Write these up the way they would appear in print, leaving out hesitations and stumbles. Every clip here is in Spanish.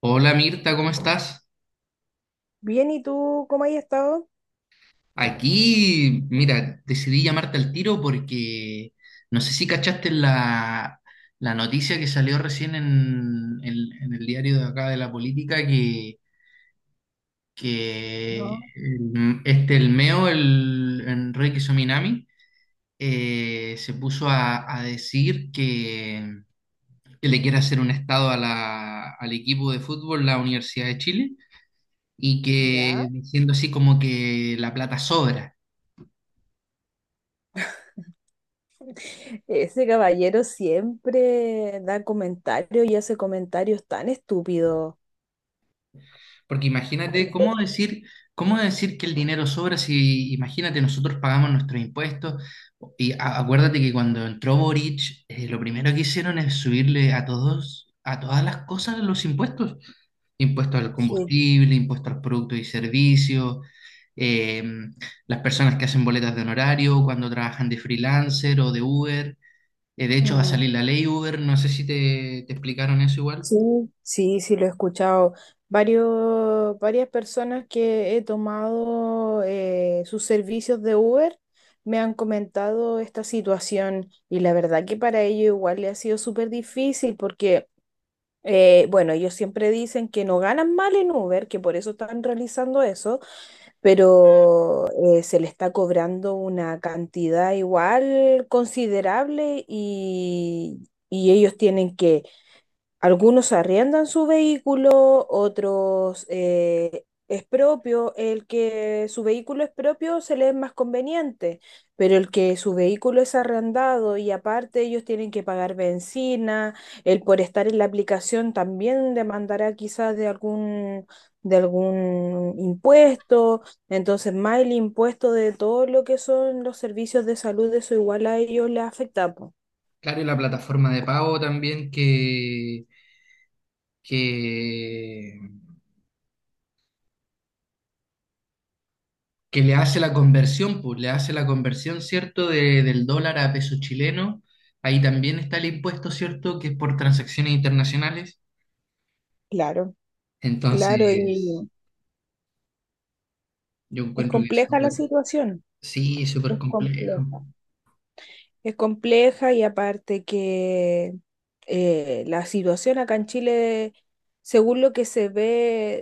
Hola Mirta, ¿cómo estás? Bien, ¿y tú cómo has estado? Aquí, mira, decidí llamarte al tiro porque no sé si cachaste la noticia que salió recién el en el diario de acá de la política que No. El MEO, el Enrique Sominami, se puso a decir que le quiere hacer un estado a al equipo de fútbol, la Universidad de Chile, y que Ya. diciendo así como que la plata sobra. Ese caballero siempre da comentarios y hace comentarios tan estúpidos. Porque Ay, imagínate, cómo decir que el dinero sobra si, imagínate, nosotros pagamos nuestros impuestos? Y acuérdate que cuando entró Boric, lo primero que hicieron es subirle a a todas las cosas los impuestos. Impuesto al sí. combustible, impuestos a los productos y servicios, eh, las personas que hacen boletas de honorario cuando trabajan de freelancer o de Uber. De hecho, va a Mm. salir la ley Uber, no sé si te explicaron eso igual. Sí, sí, sí, lo he escuchado. Varias personas que he tomado sus servicios de Uber me han comentado esta situación y la verdad que para ellos igual le ha sido súper difícil porque, bueno, ellos siempre dicen que no ganan mal en Uber, que por eso están realizando eso, pero se le está cobrando una cantidad igual considerable y ellos tienen que algunos arriendan su vehículo, otros es propio. El que su vehículo es propio se le es más conveniente, pero el que su vehículo es arrendado y aparte ellos tienen que pagar benzina, el por estar en la aplicación también demandará quizás de algún impuesto. Entonces, más el impuesto de todo lo que son los servicios de salud, eso igual a ellos les afecta, po. Claro, y la plataforma de pago también que, que le hace la conversión, pues le hace la conversión, ¿cierto?, de- del dólar a peso chileno. Ahí también está el impuesto, ¿cierto?, que es por transacciones internacionales. Claro, claro, y, Entonces, sí. yo Es encuentro que es compleja la situación. sí, es súper Es complejo. compleja. Es compleja y aparte que la situación acá en Chile, según lo que se ve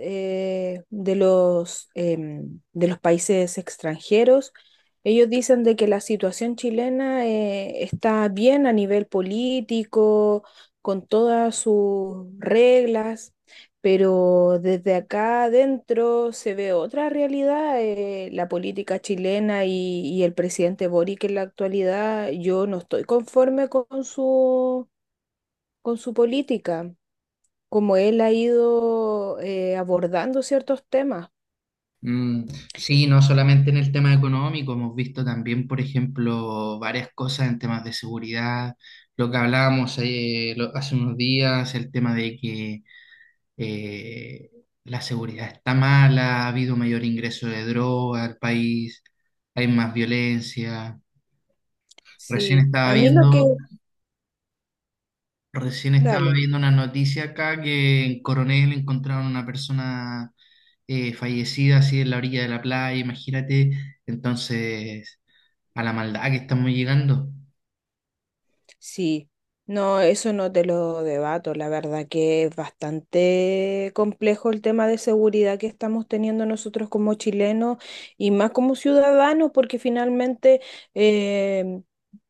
de los, de los países extranjeros, ellos dicen de que la situación chilena está bien a nivel político, con todas sus reglas, pero desde acá adentro se ve otra realidad. La política chilena y el presidente Boric en la actualidad, yo no estoy conforme con su política, como él ha ido abordando ciertos temas. Mm, sí, no solamente en el tema económico, hemos visto también, por ejemplo, varias cosas en temas de seguridad, lo que hablábamos hace unos días, el tema de que eh, la seguridad está mala, ha habido mayor ingreso de droga al país, hay más violencia. Recién Sí, estaba a mí lo que... viendo, recién estaba Dale. viendo una noticia acá que en Coronel encontraron una persona fallecida así en la orilla de la playa, imagínate, entonces a la maldad que estamos llegando. Sí, no, eso no te lo debato. La verdad que es bastante complejo el tema de seguridad que estamos teniendo nosotros como chilenos y más como ciudadanos, porque finalmente eh,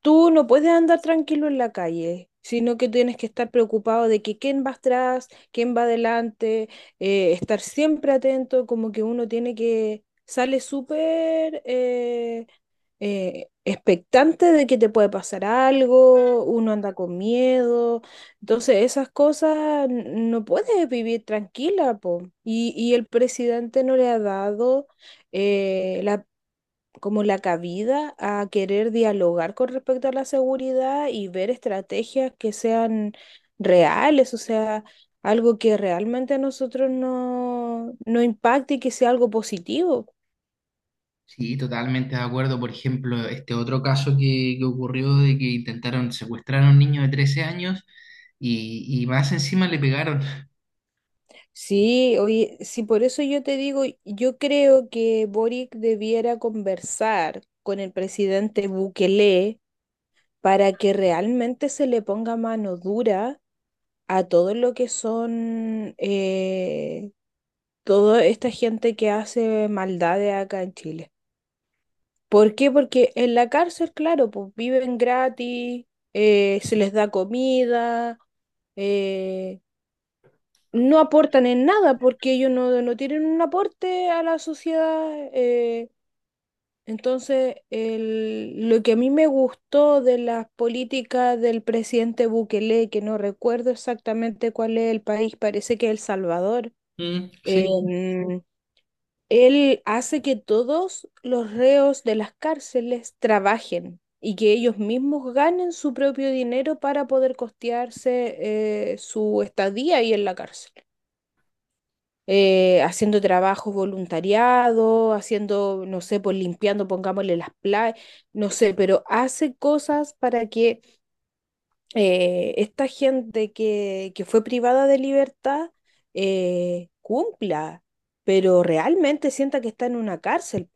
tú no puedes andar tranquilo en la calle, sino que tienes que estar preocupado de que quién va atrás, quién va adelante, estar siempre atento, como que uno tiene que, sale súper, expectante de que te puede pasar algo, uno anda con miedo, entonces esas cosas no puedes vivir tranquila, po. Y el presidente no le ha dado la, como la cabida a querer dialogar con respecto a la seguridad y ver estrategias que sean reales, o sea, algo que realmente a nosotros no, no impacte y que sea algo positivo. Sí, totalmente de acuerdo. Por ejemplo, este otro caso que ocurrió de que intentaron secuestrar a un niño de 13 años y más encima le pegaron. Sí, oye, sí, por eso yo te digo, yo creo que Boric debiera conversar con el presidente Bukele para que realmente se le ponga mano dura a todo lo que son toda esta gente que hace maldades acá en Chile. ¿Por qué? Porque en la cárcel, claro, pues viven gratis, se les da comida. eh, no aportan en nada porque ellos no, no tienen un aporte a la sociedad. Entonces, lo que a mí me gustó de las políticas del presidente Bukele, que no recuerdo exactamente cuál es el país, parece que es El Salvador, Mm, sí. em, él hace que todos los reos de las cárceles trabajen, y que ellos mismos ganen su propio dinero para poder costearse su estadía ahí en la cárcel. Haciendo trabajo voluntariado, haciendo, no sé, pues limpiando, pongámosle las playas, no sé, pero hace cosas para que esta gente que fue privada de libertad cumpla, pero realmente sienta que está en una cárcel.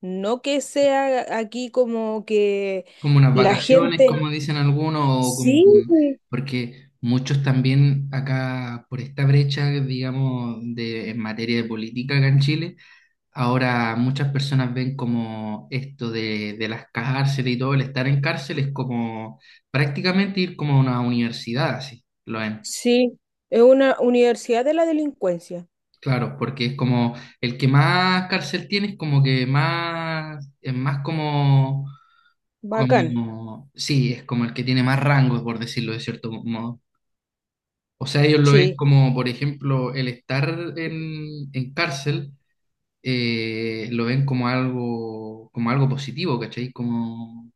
No que sea aquí como que Como unas la vacaciones, gente... como dicen algunos, o como, Sí, sí, porque muchos también acá por esta brecha, digamos, en materia de política acá en Chile, ahora muchas personas ven como esto de las cárceles y todo, el estar en cárcel es como prácticamente ir como a una universidad, así, lo ven. sí, es una universidad de la delincuencia. Claro, porque es como el que más cárcel tiene es como que más, es más como Bacán, como, sí, es como el que tiene más rangos, por decirlo de cierto modo. O sea, ellos lo ven sí. como, por ejemplo, el estar en cárcel, lo ven como algo positivo, ¿cachai? Como,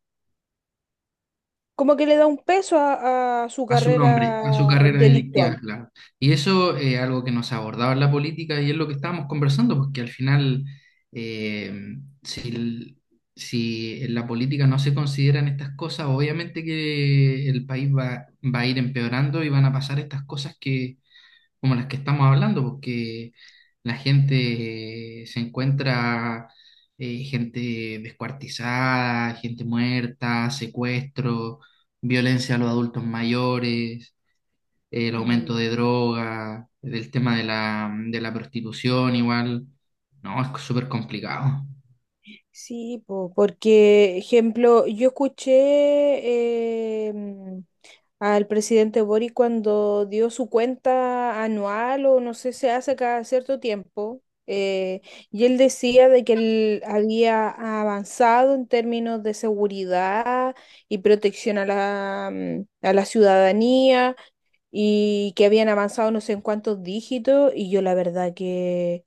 Como que le da un peso a su a su nombre, carrera a su carrera delictiva, delictual. claro. Y eso es algo que nos abordaba en la política y es lo que estábamos conversando, porque al final, eh, si, el- si en la política no se consideran estas cosas, obviamente que el país va a ir empeorando y van a pasar estas cosas que como las que estamos hablando, porque la gente se encuentra gente descuartizada, gente muerta, secuestro, violencia a los adultos mayores, el aumento Mm. de droga, del tema de de la prostitución igual. No, es súper complicado. Sí, po, porque, ejemplo, yo escuché al presidente Boric cuando dio su cuenta anual o no sé, se hace cada cierto tiempo, y él decía de que él había avanzado en términos de seguridad y protección a la, a la ciudadanía, y que habían avanzado no sé en cuántos dígitos y yo la verdad que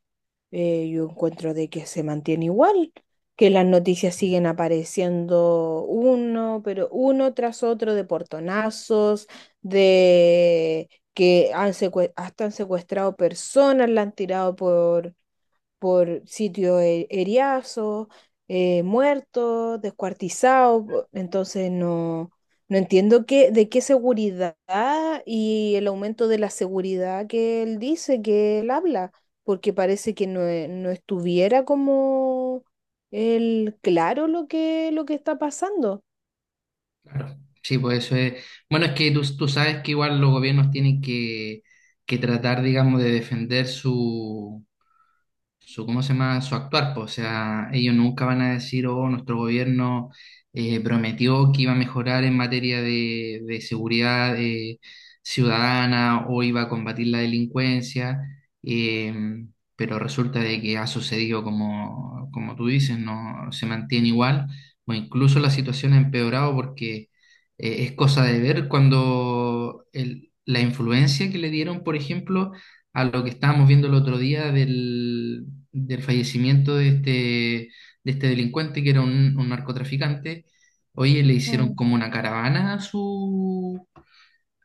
yo encuentro de que se mantiene igual, que las noticias siguen apareciendo uno, pero uno tras otro de portonazos, de que han hasta han secuestrado personas, la han tirado por sitio heriazo, muerto, descuartizado, entonces no, no entiendo qué, de qué seguridad y el aumento de la seguridad que él dice, que él habla, porque parece que no, no estuviera como él claro lo que está pasando. Claro. Sí, pues eso es. Bueno, es que tú sabes que igual los gobiernos tienen que tratar, digamos, de defender su ¿cómo se llama? Su actuar, po. O sea, ellos nunca van a decir, oh, nuestro gobierno prometió que iba a mejorar en materia de seguridad ciudadana o iba a combatir la delincuencia, eh, pero resulta de que ha sucedido como, como tú dices, no se mantiene igual, o incluso la situación ha empeorado porque es cosa de ver cuando la influencia que le dieron, por ejemplo, a lo que estábamos viendo el otro día del fallecimiento de este delincuente que era un narcotraficante. Oye, le hicieron Mm. como una caravana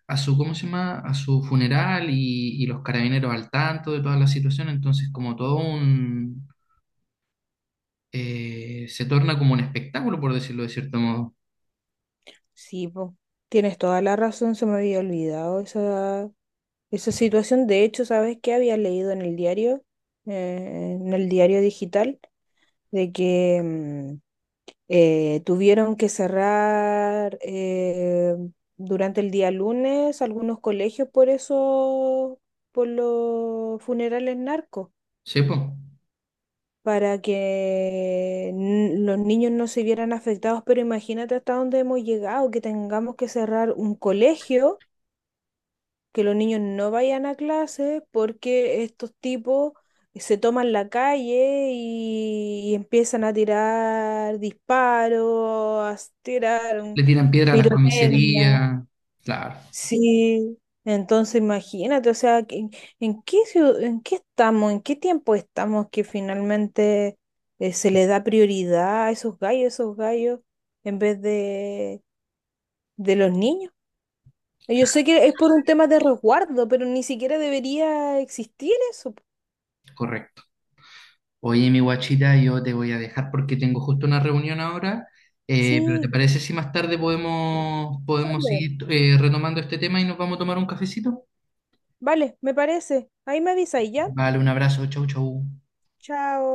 a su, ¿cómo se llama? A su funeral y los carabineros al tanto de toda la situación. Entonces, como todo un, se torna como un espectáculo, por decirlo de cierto modo. Sí, po, tienes toda la razón, se me había olvidado esa, esa situación. De hecho, ¿sabes qué había leído en el diario digital, de que tuvieron que cerrar durante el día lunes algunos colegios por eso, por los funerales narcos, ¿Sí, po? para que los niños no se vieran afectados? Pero imagínate hasta dónde hemos llegado, que tengamos que cerrar un colegio, que los niños no vayan a clase porque estos tipos se toman la calle y empiezan a tirar disparos, a tirar Le tiran piedra a las pirotecnia. comisarías. Claro, Sí, entonces imagínate, o sea, ¿en, en qué estamos, en qué tiempo estamos que finalmente se le da prioridad a esos gallos, en vez de los niños? Yo sé que es por un tema de resguardo, pero ni siquiera debería existir eso. correcto. Oye, mi guachita, yo te voy a dejar porque tengo justo una reunión ahora, pero ¿te Sí, parece si más tarde podemos vale, seguir retomando este tema y nos vamos a tomar un cafecito? vale, me parece. Ahí me avisáis ya. Vale, un abrazo, chau, chau. Chao.